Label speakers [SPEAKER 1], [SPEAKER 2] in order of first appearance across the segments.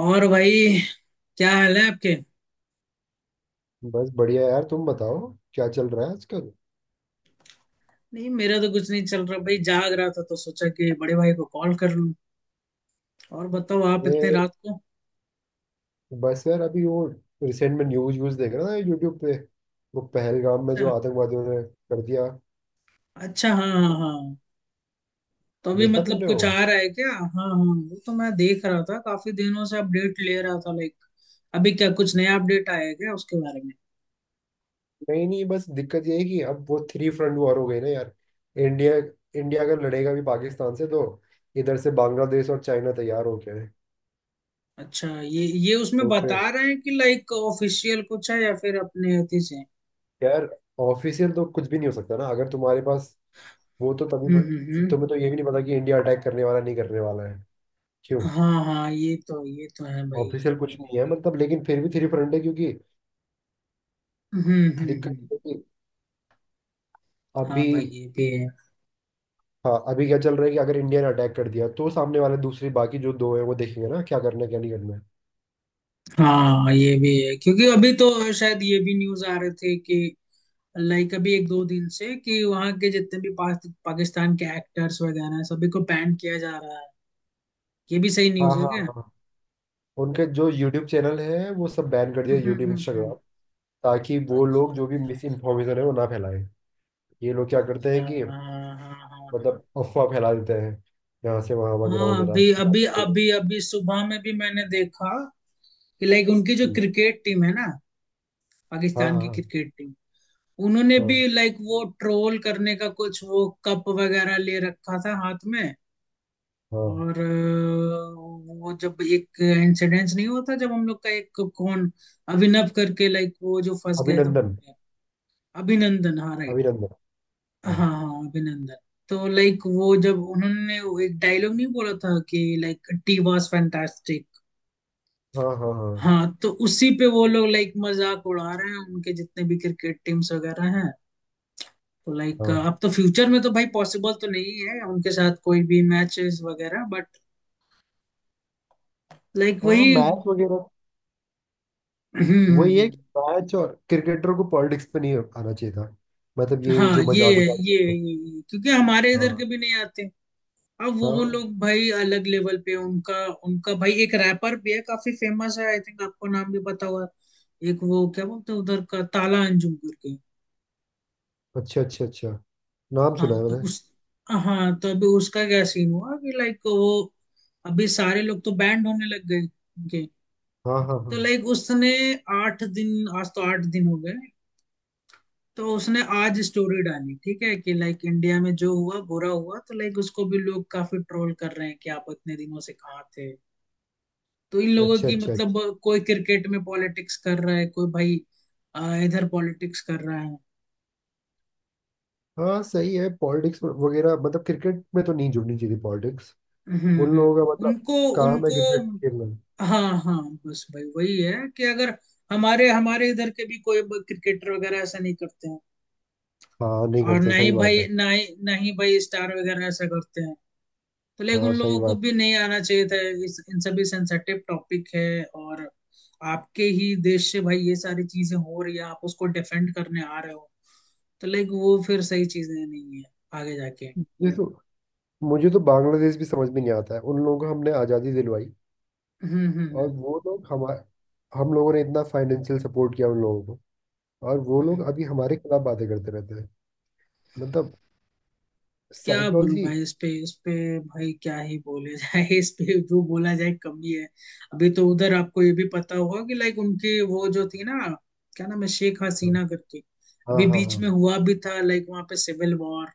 [SPEAKER 1] और भाई, क्या हाल है आपके।
[SPEAKER 2] बस बढ़िया यार, तुम बताओ। क्या चल रहा है आजकल?
[SPEAKER 1] नहीं, मेरा तो कुछ नहीं चल रहा भाई। जाग रहा था तो सोचा कि बड़े भाई को कॉल कर लूं। और बताओ, आप इतने
[SPEAKER 2] अरे,
[SPEAKER 1] रात को।
[SPEAKER 2] बस यार अभी वो रिसेंट में न्यूज व्यूज देख रहा था यूट्यूब पे। वो पहलगाम में जो
[SPEAKER 1] अच्छा।
[SPEAKER 2] आतंकवादियों ने कर दिया,
[SPEAKER 1] अच्छा हाँ हाँ हाँ। तो अभी
[SPEAKER 2] देखा
[SPEAKER 1] मतलब
[SPEAKER 2] तुमने
[SPEAKER 1] कुछ
[SPEAKER 2] वो?
[SPEAKER 1] आ रहा है क्या। हाँ हाँ, वो तो मैं देख रहा था, काफी दिनों से अपडेट ले रहा था लाइक। अभी क्या कुछ नया अपडेट आया है क्या उसके बारे में।
[SPEAKER 2] नहीं नहीं, बस दिक्कत ये है कि अब वो थ्री फ्रंट वॉर हो गई ना यार। इंडिया इंडिया अगर लड़ेगा भी पाकिस्तान से तो इधर से बांग्लादेश और चाइना तैयार हो गए हैं।
[SPEAKER 1] अच्छा, ये उसमें
[SPEAKER 2] तो
[SPEAKER 1] बता
[SPEAKER 2] फिर
[SPEAKER 1] रहे हैं कि लाइक ऑफिशियल कुछ है या फिर अपने अति से।
[SPEAKER 2] यार, ऑफिशियल तो कुछ भी नहीं हो सकता ना, अगर तुम्हारे पास। वो तो
[SPEAKER 1] हम्म हम्म
[SPEAKER 2] तभी,
[SPEAKER 1] हम्म।
[SPEAKER 2] तुम्हें तो ये भी नहीं पता कि इंडिया अटैक करने वाला, नहीं करने वाला है, क्यों।
[SPEAKER 1] हाँ हाँ, ये तो है भाई।
[SPEAKER 2] ऑफिशियल कुछ नहीं है मतलब, लेकिन फिर भी थ्री फ्रंट है क्योंकि
[SPEAKER 1] हम्म
[SPEAKER 2] दिक्कत
[SPEAKER 1] हम्म।
[SPEAKER 2] ये है कि
[SPEAKER 1] हाँ
[SPEAKER 2] अभी।
[SPEAKER 1] भाई, ये भी है।
[SPEAKER 2] हाँ, अभी क्या चल रहा है कि अगर इंडिया ने अटैक कर दिया तो सामने वाले दूसरी बाकी जो दो है वो देखेंगे ना, क्या करना है क्या नहीं करना है।
[SPEAKER 1] हाँ, ये भी है क्योंकि अभी तो शायद ये भी न्यूज आ रहे थे कि लाइक अभी एक दो दिन से कि वहां के जितने भी पाकिस्तान के एक्टर्स वगैरह हैं सभी को बैन किया जा रहा है। ये भी सही
[SPEAKER 2] हाँ
[SPEAKER 1] न्यूज है
[SPEAKER 2] हाँ
[SPEAKER 1] क्या।
[SPEAKER 2] हाँ। उनके जो यूट्यूब चैनल है वो सब बैन कर दिया,
[SPEAKER 1] हम्म हम्म
[SPEAKER 2] यूट्यूब,
[SPEAKER 1] हम्म हम्म।
[SPEAKER 2] इंस्टाग्राम। ताकि वो
[SPEAKER 1] अच्छा
[SPEAKER 2] लोग जो भी
[SPEAKER 1] अच्छा
[SPEAKER 2] मिस इन्फॉर्मेशन है वो ना फैलाएं। ये लोग क्या करते
[SPEAKER 1] अच्छा।
[SPEAKER 2] हैं कि
[SPEAKER 1] हाँ हाँ हाँ हाँ।
[SPEAKER 2] मतलब अफवाह फैला देते हैं, यहाँ से वहाँ
[SPEAKER 1] हाँ
[SPEAKER 2] वगैरह वगैरह
[SPEAKER 1] अभी अभी
[SPEAKER 2] बातें करके।
[SPEAKER 1] अभी अभी सुबह में भी मैंने देखा कि लाइक उनकी जो
[SPEAKER 2] हम्म,
[SPEAKER 1] क्रिकेट टीम है ना,
[SPEAKER 2] हाँ
[SPEAKER 1] पाकिस्तान की
[SPEAKER 2] हाँ
[SPEAKER 1] क्रिकेट टीम, उन्होंने भी
[SPEAKER 2] हाँ
[SPEAKER 1] लाइक वो ट्रोल करने का कुछ वो कप वगैरह ले रखा था हाथ में।
[SPEAKER 2] हाँ।
[SPEAKER 1] और वो जब एक इंसिडेंस नहीं होता, जब हम लोग का एक कौन, अभिनव करके लाइक वो जो फंस गए थे वहां
[SPEAKER 2] अभिनंदन।
[SPEAKER 1] पे। अभिनंदन, हाँ राइट।
[SPEAKER 2] अभिनंदन।
[SPEAKER 1] हाँ
[SPEAKER 2] हाँ
[SPEAKER 1] हाँ अभिनंदन। तो लाइक वो जब उन्होंने वो एक डायलॉग नहीं बोला था कि लाइक टी वॉज फैंटास्टिक।
[SPEAKER 2] हाँ हाँ हाँ
[SPEAKER 1] हाँ, तो उसी पे वो लोग लाइक मजाक उड़ा रहे हैं, उनके जितने भी क्रिकेट टीम्स वगैरह हैं। तो लाइक
[SPEAKER 2] हाँ
[SPEAKER 1] अब तो फ्यूचर में तो भाई पॉसिबल तो नहीं है उनके साथ कोई भी मैचेस वगैरह, बट लाइक
[SPEAKER 2] हाँ।
[SPEAKER 1] वही।
[SPEAKER 2] मैच वगैरह,
[SPEAKER 1] हम्म।
[SPEAKER 2] वही है कि मैच और क्रिकेटरों को पॉलिटिक्स पे नहीं आना चाहिए था, मतलब ये
[SPEAKER 1] हाँ,
[SPEAKER 2] जो
[SPEAKER 1] ये
[SPEAKER 2] मजाक
[SPEAKER 1] है
[SPEAKER 2] उजाक
[SPEAKER 1] ये है
[SPEAKER 2] करते हैं।
[SPEAKER 1] ये ये। क्योंकि हमारे इधर के
[SPEAKER 2] हाँ
[SPEAKER 1] भी नहीं आते। अब वो
[SPEAKER 2] हाँ।
[SPEAKER 1] लोग भाई अलग लेवल पे हैं। उनका, उनका भाई एक रैपर भी है, काफी फेमस है, आई थिंक आपको नाम भी पता होगा। एक वो क्या बोलते हैं उधर का, ताला अंजुम करके।
[SPEAKER 2] अच्छा अच्छा अच्छा, नाम सुना
[SPEAKER 1] हाँ
[SPEAKER 2] है
[SPEAKER 1] तो
[SPEAKER 2] मैंने।
[SPEAKER 1] उस हाँ तो अभी उसका क्या सीन हुआ कि लाइक वो अभी सारे लोग तो बैंड होने लग गए।
[SPEAKER 2] हाँ हाँ
[SPEAKER 1] तो
[SPEAKER 2] हाँ।
[SPEAKER 1] लाइक उसने आठ दिन, आज तो आठ दिन हो गए। तो उसने आज स्टोरी डाली, ठीक है, कि लाइक इंडिया में जो हुआ बुरा हुआ, तो लाइक उसको भी लोग काफी ट्रोल कर रहे हैं कि आप इतने दिनों से कहाँ थे। तो इन लोगों
[SPEAKER 2] अच्छा
[SPEAKER 1] की
[SPEAKER 2] अच्छा अच्छा।
[SPEAKER 1] मतलब कोई क्रिकेट में पॉलिटिक्स कर रहा है, कोई भाई इधर पॉलिटिक्स कर रहा है।
[SPEAKER 2] हाँ, सही है, पॉलिटिक्स वगैरह, मतलब क्रिकेट में तो नहीं जुड़नी चाहिए पॉलिटिक्स। उन
[SPEAKER 1] हम्म।
[SPEAKER 2] लोगों का मतलब
[SPEAKER 1] उनको,
[SPEAKER 2] काम है
[SPEAKER 1] उनको
[SPEAKER 2] क्रिकेट खेलना।
[SPEAKER 1] हाँ हाँ। बस भाई वही है कि अगर हमारे हमारे इधर के भी कोई क्रिकेटर वगैरह ऐसा नहीं करते हैं,
[SPEAKER 2] हाँ, नहीं
[SPEAKER 1] और
[SPEAKER 2] करते,
[SPEAKER 1] ना ही
[SPEAKER 2] सही बात
[SPEAKER 1] भाई
[SPEAKER 2] है।
[SPEAKER 1] ना ही ना ही भाई स्टार वगैरह ऐसा करते हैं। तो लेकिन उन
[SPEAKER 2] हाँ, सही
[SPEAKER 1] लोगों को
[SPEAKER 2] बात।
[SPEAKER 1] भी नहीं आना चाहिए था, इस इन सभी सेंसेटिव टॉपिक है। और आपके ही देश से भाई ये सारी चीजें हो रही है, आप उसको डिफेंड करने आ रहे हो, तो लाइक वो फिर सही चीजें नहीं है आगे जाके।
[SPEAKER 2] मुझे तो मुझे तो बांग्लादेश भी समझ में नहीं आता है, उन लोगों को हमने आज़ादी दिलवाई।
[SPEAKER 1] हम्म हम्म
[SPEAKER 2] और
[SPEAKER 1] हम्म
[SPEAKER 2] वो लोग हमारे, हम लोगों ने इतना फाइनेंशियल सपोर्ट किया उन लोगों को, और वो
[SPEAKER 1] हम्म।
[SPEAKER 2] लोग अभी हमारे खिलाफ बातें करते रहते हैं। मतलब,
[SPEAKER 1] क्या बोलूं
[SPEAKER 2] साइकोलॉजी।
[SPEAKER 1] भाई इस पे, इस पे भाई क्या ही बोले जाए इस पे, जो बोला जाए कमी है। अभी तो उधर आपको ये भी पता होगा कि लाइक उनकी वो जो थी ना, क्या नाम है, शेख हसीना करके।
[SPEAKER 2] हाँ
[SPEAKER 1] अभी
[SPEAKER 2] हाँ
[SPEAKER 1] बीच
[SPEAKER 2] हाँ
[SPEAKER 1] में हुआ भी था लाइक, वहां पे सिविल वॉर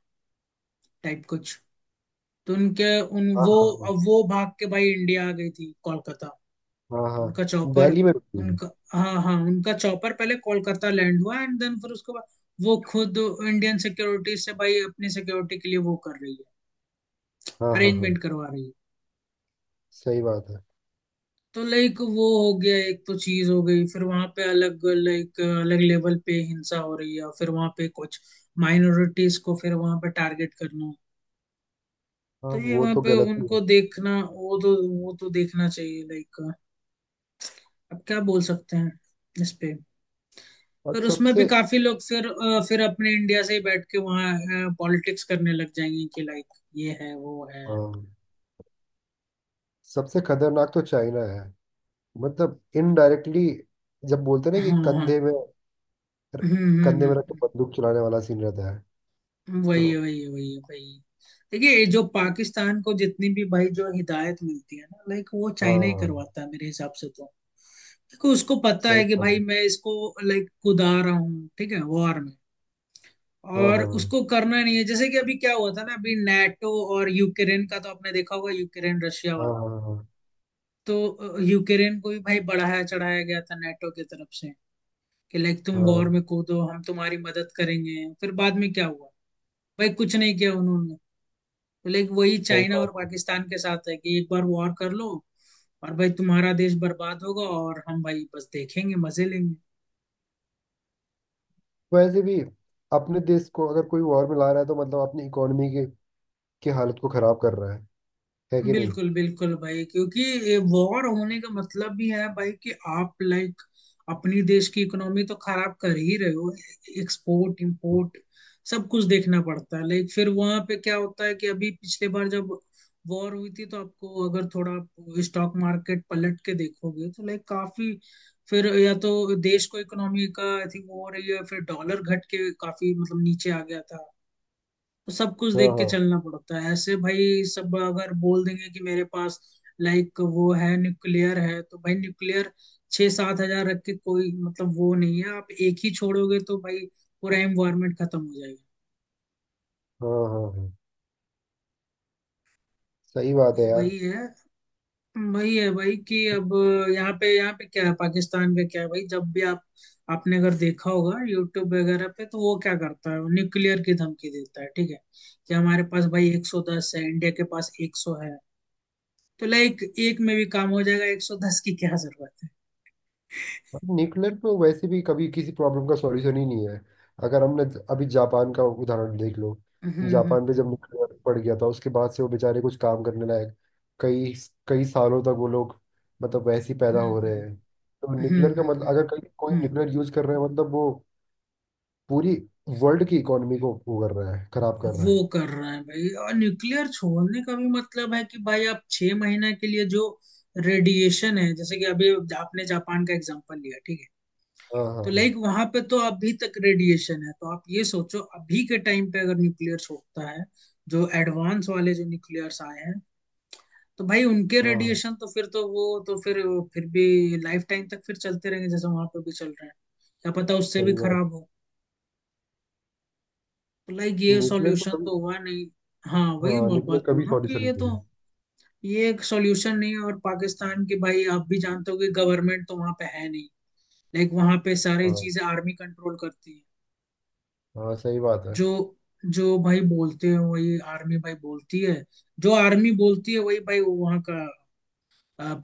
[SPEAKER 1] टाइप कुछ। तो उनके उन
[SPEAKER 2] हाँ
[SPEAKER 1] वो,
[SPEAKER 2] हाँ हाँ
[SPEAKER 1] अब वो भाग के भाई इंडिया आ गई थी कोलकाता।
[SPEAKER 2] हाँ हाँ
[SPEAKER 1] उनका
[SPEAKER 2] हाँ,
[SPEAKER 1] चौपर,
[SPEAKER 2] दिल्ली में भी हुई।
[SPEAKER 1] उनका, हाँ हाँ, उनका चौपर पहले कोलकाता लैंड हुआ एंड देन फिर उसके बाद वो खुद इंडियन सिक्योरिटी से भाई अपनी सिक्योरिटी के लिए वो कर रही है,
[SPEAKER 2] हाँ हाँ
[SPEAKER 1] अरेंजमेंट
[SPEAKER 2] हाँ,
[SPEAKER 1] करवा रही है।
[SPEAKER 2] सही बात है।
[SPEAKER 1] तो लाइक वो हो गया, एक तो चीज हो गई। फिर वहां पे अलग लाइक अलग लेवल पे हिंसा हो रही है, फिर वहां पे कुछ माइनॉरिटीज को फिर वहां पे टारगेट करना।
[SPEAKER 2] हाँ,
[SPEAKER 1] तो ये
[SPEAKER 2] वो
[SPEAKER 1] वहां
[SPEAKER 2] तो
[SPEAKER 1] पे
[SPEAKER 2] गलत ही है।
[SPEAKER 1] उनको देखना, वो तो देखना चाहिए लाइक। अब क्या बोल सकते हैं इस पे।
[SPEAKER 2] और
[SPEAKER 1] पर उसमें भी
[SPEAKER 2] सबसे
[SPEAKER 1] काफी लोग फिर फिर अपने इंडिया से ही बैठ के वहाँ पॉलिटिक्स करने लग जाएंगे कि लाइक ये है वो है।
[SPEAKER 2] हाँ, सबसे खतरनाक तो चाइना है, मतलब इनडायरेक्टली। जब बोलते हैं ना कि
[SPEAKER 1] हाँ हाँ।
[SPEAKER 2] कंधे में
[SPEAKER 1] हम्म
[SPEAKER 2] कंधे में रख के
[SPEAKER 1] हम्म।
[SPEAKER 2] बंदूक चलाने वाला सीन रहता है।
[SPEAKER 1] हम्म। वही है
[SPEAKER 2] तो।
[SPEAKER 1] वही है वही है वही है। देखिए ये जो पाकिस्तान को जितनी भी भाई जो हिदायत मिलती है ना, लाइक वो चाइना ही
[SPEAKER 2] हाँ,
[SPEAKER 1] करवाता है मेरे हिसाब से तो। क्योंकि उसको पता
[SPEAKER 2] सही
[SPEAKER 1] है कि
[SPEAKER 2] बात
[SPEAKER 1] भाई
[SPEAKER 2] है।
[SPEAKER 1] मैं इसको लाइक कुदा रहा हूँ, ठीक है, वॉर में,
[SPEAKER 2] हाँ
[SPEAKER 1] और
[SPEAKER 2] हाँ
[SPEAKER 1] उसको करना नहीं है। जैसे कि अभी क्या हुआ था ना, अभी नाटो और यूक्रेन का तो आपने देखा होगा, यूक्रेन रशिया
[SPEAKER 2] हाँ
[SPEAKER 1] वाला।
[SPEAKER 2] हाँ हाँ हाँ
[SPEAKER 1] तो यूक्रेन को भी भाई बढ़ाया चढ़ाया गया था नाटो की तरफ से कि लाइक तुम वॉर
[SPEAKER 2] हाँ।
[SPEAKER 1] में कूदो, हम तुम्हारी मदद करेंगे। फिर बाद में क्या हुआ, भाई कुछ नहीं किया उन्होंने। तो लाइक वही
[SPEAKER 2] सही
[SPEAKER 1] चाइना
[SPEAKER 2] बात
[SPEAKER 1] और
[SPEAKER 2] है।
[SPEAKER 1] पाकिस्तान के साथ है कि एक बार वॉर कर लो, और भाई तुम्हारा देश बर्बाद होगा, और हम भाई बस देखेंगे मजे लेंगे।
[SPEAKER 2] वैसे भी अपने देश को अगर कोई वॉर में ला रहा है तो मतलब अपनी इकोनॉमी के की हालत को खराब कर रहा है कि नहीं?
[SPEAKER 1] बिल्कुल बिल्कुल भाई, क्योंकि वॉर होने का मतलब भी है भाई कि आप लाइक अपनी देश की इकोनॉमी तो खराब कर ही रहे हो। एक्सपोर्ट इंपोर्ट सब कुछ देखना पड़ता है। लाइक फिर वहां पे क्या होता है कि अभी पिछले बार जब वॉर हुई थी तो आपको अगर थोड़ा आप स्टॉक मार्केट पलट के देखोगे तो लाइक काफी, फिर या तो देश को इकोनॉमी का आई थिंक वो हो रही है, फिर डॉलर घट के काफी मतलब नीचे आ गया था। तो सब कुछ
[SPEAKER 2] हाँ
[SPEAKER 1] देख के
[SPEAKER 2] हाँ
[SPEAKER 1] चलना पड़ता है ऐसे। भाई सब अगर बोल देंगे कि मेरे पास लाइक वो है न्यूक्लियर है, तो भाई न्यूक्लियर छः सात हजार रख के कोई मतलब वो नहीं है। आप एक ही छोड़ोगे तो भाई पूरा एनवायरमेंट खत्म हो जाएगा।
[SPEAKER 2] हाँ हाँ हाँ, सही बात
[SPEAKER 1] भाई
[SPEAKER 2] है यार।
[SPEAKER 1] वही है, वही है भाई कि अब यहाँ पे क्या है, पाकिस्तान का क्या है भाई। जब भी आप आपने अगर देखा होगा यूट्यूब वगैरह पे, तो वो क्या करता है, न्यूक्लियर की धमकी देता है, ठीक है, कि हमारे पास भाई 110 है, इंडिया के पास 100 है। तो लाइक एक में भी काम हो जाएगा, 110 की क्या जरूरत है।
[SPEAKER 2] न्यूक्लियर तो वैसे भी कभी किसी प्रॉब्लम का सॉल्यूशन ही नहीं है। अगर हमने अभी जापान का उदाहरण देख लो।
[SPEAKER 1] हम्म
[SPEAKER 2] जापान पे जब न्यूक्लियर पड़ गया था, उसके बाद से वो बेचारे कुछ काम करने लायक, कई कई सालों तक वो लोग मतलब वैसे ही पैदा हो रहे
[SPEAKER 1] हम्म
[SPEAKER 2] हैं। तो
[SPEAKER 1] हम्म
[SPEAKER 2] न्यूक्लियर का मतलब,
[SPEAKER 1] हम्म
[SPEAKER 2] अगर कहीं कोई
[SPEAKER 1] हम्म।
[SPEAKER 2] न्यूक्लियर यूज कर रहे हैं मतलब वो पूरी वर्ल्ड की इकोनॉमी को वो कर रहा है, खराब कर रहा
[SPEAKER 1] वो
[SPEAKER 2] है।
[SPEAKER 1] कर रहे हैं भाई, और न्यूक्लियर छोड़ने का भी मतलब है कि भाई आप छह महीने के लिए जो रेडिएशन है, जैसे कि अभी आपने जापान का एग्जांपल लिया, ठीक है।
[SPEAKER 2] हाँ हाँ
[SPEAKER 1] तो लाइक वहां पे तो अभी तक रेडिएशन है। तो आप ये सोचो अभी के टाइम पे अगर न्यूक्लियर छोड़ता है, जो एडवांस वाले जो न्यूक्लियर्स आए हैं, तो भाई उनके
[SPEAKER 2] हाँ,
[SPEAKER 1] रेडिएशन तो फिर तो वो तो फिर भी लाइफ टाइम तक फिर चलते रहेंगे, जैसे वहां पर भी चल रहे हैं। क्या पता उससे भी
[SPEAKER 2] सही बात।
[SPEAKER 1] खराब हो। तो लाइक ये
[SPEAKER 2] न्यूक्लियर तो
[SPEAKER 1] सॉल्यूशन
[SPEAKER 2] कभी,
[SPEAKER 1] तो हुआ नहीं। हाँ वही
[SPEAKER 2] हाँ,
[SPEAKER 1] मैं बात
[SPEAKER 2] न्यूक्लियर
[SPEAKER 1] बोल
[SPEAKER 2] कभी
[SPEAKER 1] रहा हूँ कि
[SPEAKER 2] सॉल्यूशन
[SPEAKER 1] ये
[SPEAKER 2] नहीं
[SPEAKER 1] तो,
[SPEAKER 2] है।
[SPEAKER 1] ये एक सॉल्यूशन नहीं है। और पाकिस्तान के भाई आप भी जानते हो कि गवर्नमेंट तो वहां पे है नहीं, लाइक वहां पे सारी
[SPEAKER 2] हाँ
[SPEAKER 1] चीजें आर्मी कंट्रोल करती है।
[SPEAKER 2] हाँ, सही बात है,
[SPEAKER 1] जो जो भाई बोलते हैं वही आर्मी भाई बोलती है, जो आर्मी बोलती है वही भाई वहां का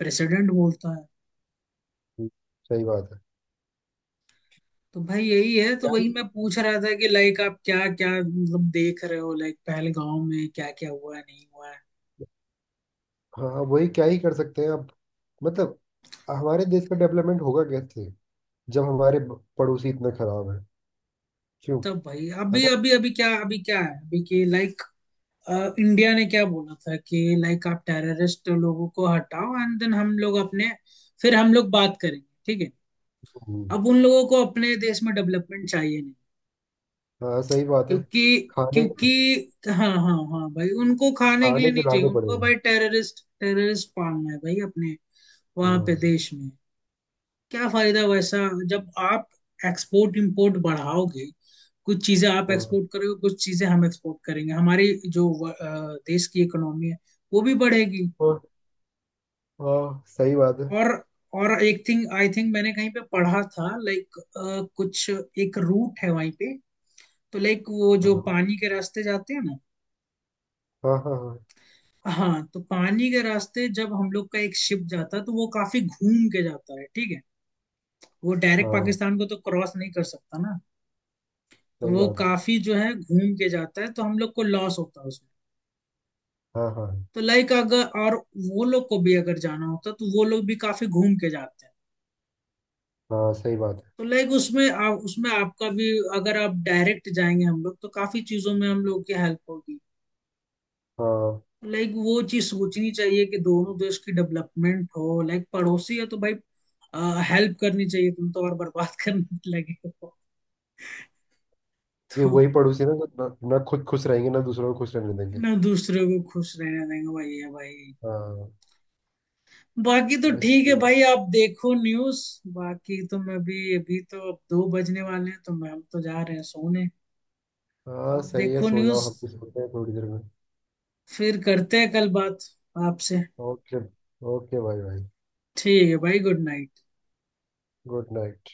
[SPEAKER 1] प्रेसिडेंट बोलता है।
[SPEAKER 2] सही बात है।
[SPEAKER 1] तो भाई यही है। तो
[SPEAKER 2] क्या
[SPEAKER 1] वही
[SPEAKER 2] ही-
[SPEAKER 1] मैं पूछ रहा था कि लाइक आप क्या क्या मतलब देख रहे हो, लाइक पहलगांव में क्या क्या हुआ है नहीं हुआ है।
[SPEAKER 2] हाँ हाँ, वही क्या ही कर सकते हैं अब। मतलब, हमारे देश का डेवलपमेंट होगा कैसे, जब हमारे पड़ोसी इतने खराब हैं, क्यों?
[SPEAKER 1] तब भाई अभी
[SPEAKER 2] अगर।
[SPEAKER 1] अभी अभी क्या, अभी क्या है अभी, कि लाइक इंडिया ने क्या बोला था कि लाइक आप टेररिस्ट लोगों को हटाओ एंड देन हम लोग अपने, फिर हम लोग बात करेंगे, ठीक है।
[SPEAKER 2] हम्म,
[SPEAKER 1] अब उन लोगों को अपने देश में डेवलपमेंट चाहिए नहीं,
[SPEAKER 2] हाँ, सही बात है।
[SPEAKER 1] क्योंकि
[SPEAKER 2] खाने
[SPEAKER 1] क्योंकि हाँ हाँ हाँ भाई, उनको खाने के लिए
[SPEAKER 2] खाने के
[SPEAKER 1] नहीं चाहिए,
[SPEAKER 2] लाले पड़े
[SPEAKER 1] उनको
[SPEAKER 2] हैं।
[SPEAKER 1] भाई टेररिस्ट टेररिस्ट पालना है भाई अपने वहां पे
[SPEAKER 2] हाँ
[SPEAKER 1] देश में। क्या फायदा वैसा, जब आप एक्सपोर्ट इंपोर्ट बढ़ाओगे, कुछ चीजें आप
[SPEAKER 2] हाँ।
[SPEAKER 1] एक्सपोर्ट करोगे कुछ चीजें हम एक्सपोर्ट करेंगे, हमारी जो देश की इकोनॉमी है वो भी बढ़ेगी।
[SPEAKER 2] और, हाँ, सही बात है।
[SPEAKER 1] और एक थिंग आई थिंक मैंने कहीं पे पढ़ा था लाइक, कुछ एक रूट है वहीं पे। तो लाइक वो जो
[SPEAKER 2] हाँ
[SPEAKER 1] पानी के रास्ते जाते हैं ना,
[SPEAKER 2] हाँ हाँ हाँ
[SPEAKER 1] हाँ, तो पानी के रास्ते जब हम लोग का एक शिप जाता है तो वो काफी घूम के जाता है, ठीक है, वो डायरेक्ट
[SPEAKER 2] हाँ,
[SPEAKER 1] पाकिस्तान को तो क्रॉस नहीं कर सकता ना। तो
[SPEAKER 2] सही
[SPEAKER 1] वो
[SPEAKER 2] बात है।
[SPEAKER 1] काफी जो है घूम के जाता है तो हम लोग को लॉस होता है उसमें।
[SPEAKER 2] हाँ हाँ
[SPEAKER 1] तो लाइक अगर, और वो लोग को भी अगर जाना होता तो वो लोग भी काफी घूम के जाते हैं।
[SPEAKER 2] हाँ, सही बात है।
[SPEAKER 1] तो लाइक उसमें उसमें आपका भी, अगर आप डायरेक्ट जाएंगे हम लोग तो काफी चीजों में हम लोग की हेल्प होगी।
[SPEAKER 2] हाँ,
[SPEAKER 1] लाइक वो चीज सोचनी चाहिए कि दोनों देश की डेवलपमेंट हो, लाइक पड़ोसी है तो भाई हेल्प करनी चाहिए, तुम तो और बर्बाद करने लगे हो।
[SPEAKER 2] ये
[SPEAKER 1] तो
[SPEAKER 2] वही पड़ोसी ना, जो ना, ना खुद खुश रहेंगे ना दूसरों को खुश रहने देंगे।
[SPEAKER 1] ना दूसरे को खुश रहने देंगे भाई, ये भाई।
[SPEAKER 2] हाँ,
[SPEAKER 1] बाकी तो
[SPEAKER 2] बस
[SPEAKER 1] ठीक है
[SPEAKER 2] सही है।
[SPEAKER 1] भाई, आप देखो न्यूज़। बाकी तो मैं भी अभी तो, अब दो बजने वाले हैं, तो मैं, हम तो जा रहे हैं सोने।
[SPEAKER 2] हाँ,
[SPEAKER 1] आप
[SPEAKER 2] सही है,
[SPEAKER 1] देखो
[SPEAKER 2] सो जाओ,
[SPEAKER 1] न्यूज़,
[SPEAKER 2] हम भी सोते हैं थोड़ी देर में।
[SPEAKER 1] फिर करते हैं कल बात आपसे।
[SPEAKER 2] ओके। ओके भाई भाई,
[SPEAKER 1] ठीक है भाई, गुड नाइट।
[SPEAKER 2] Good night.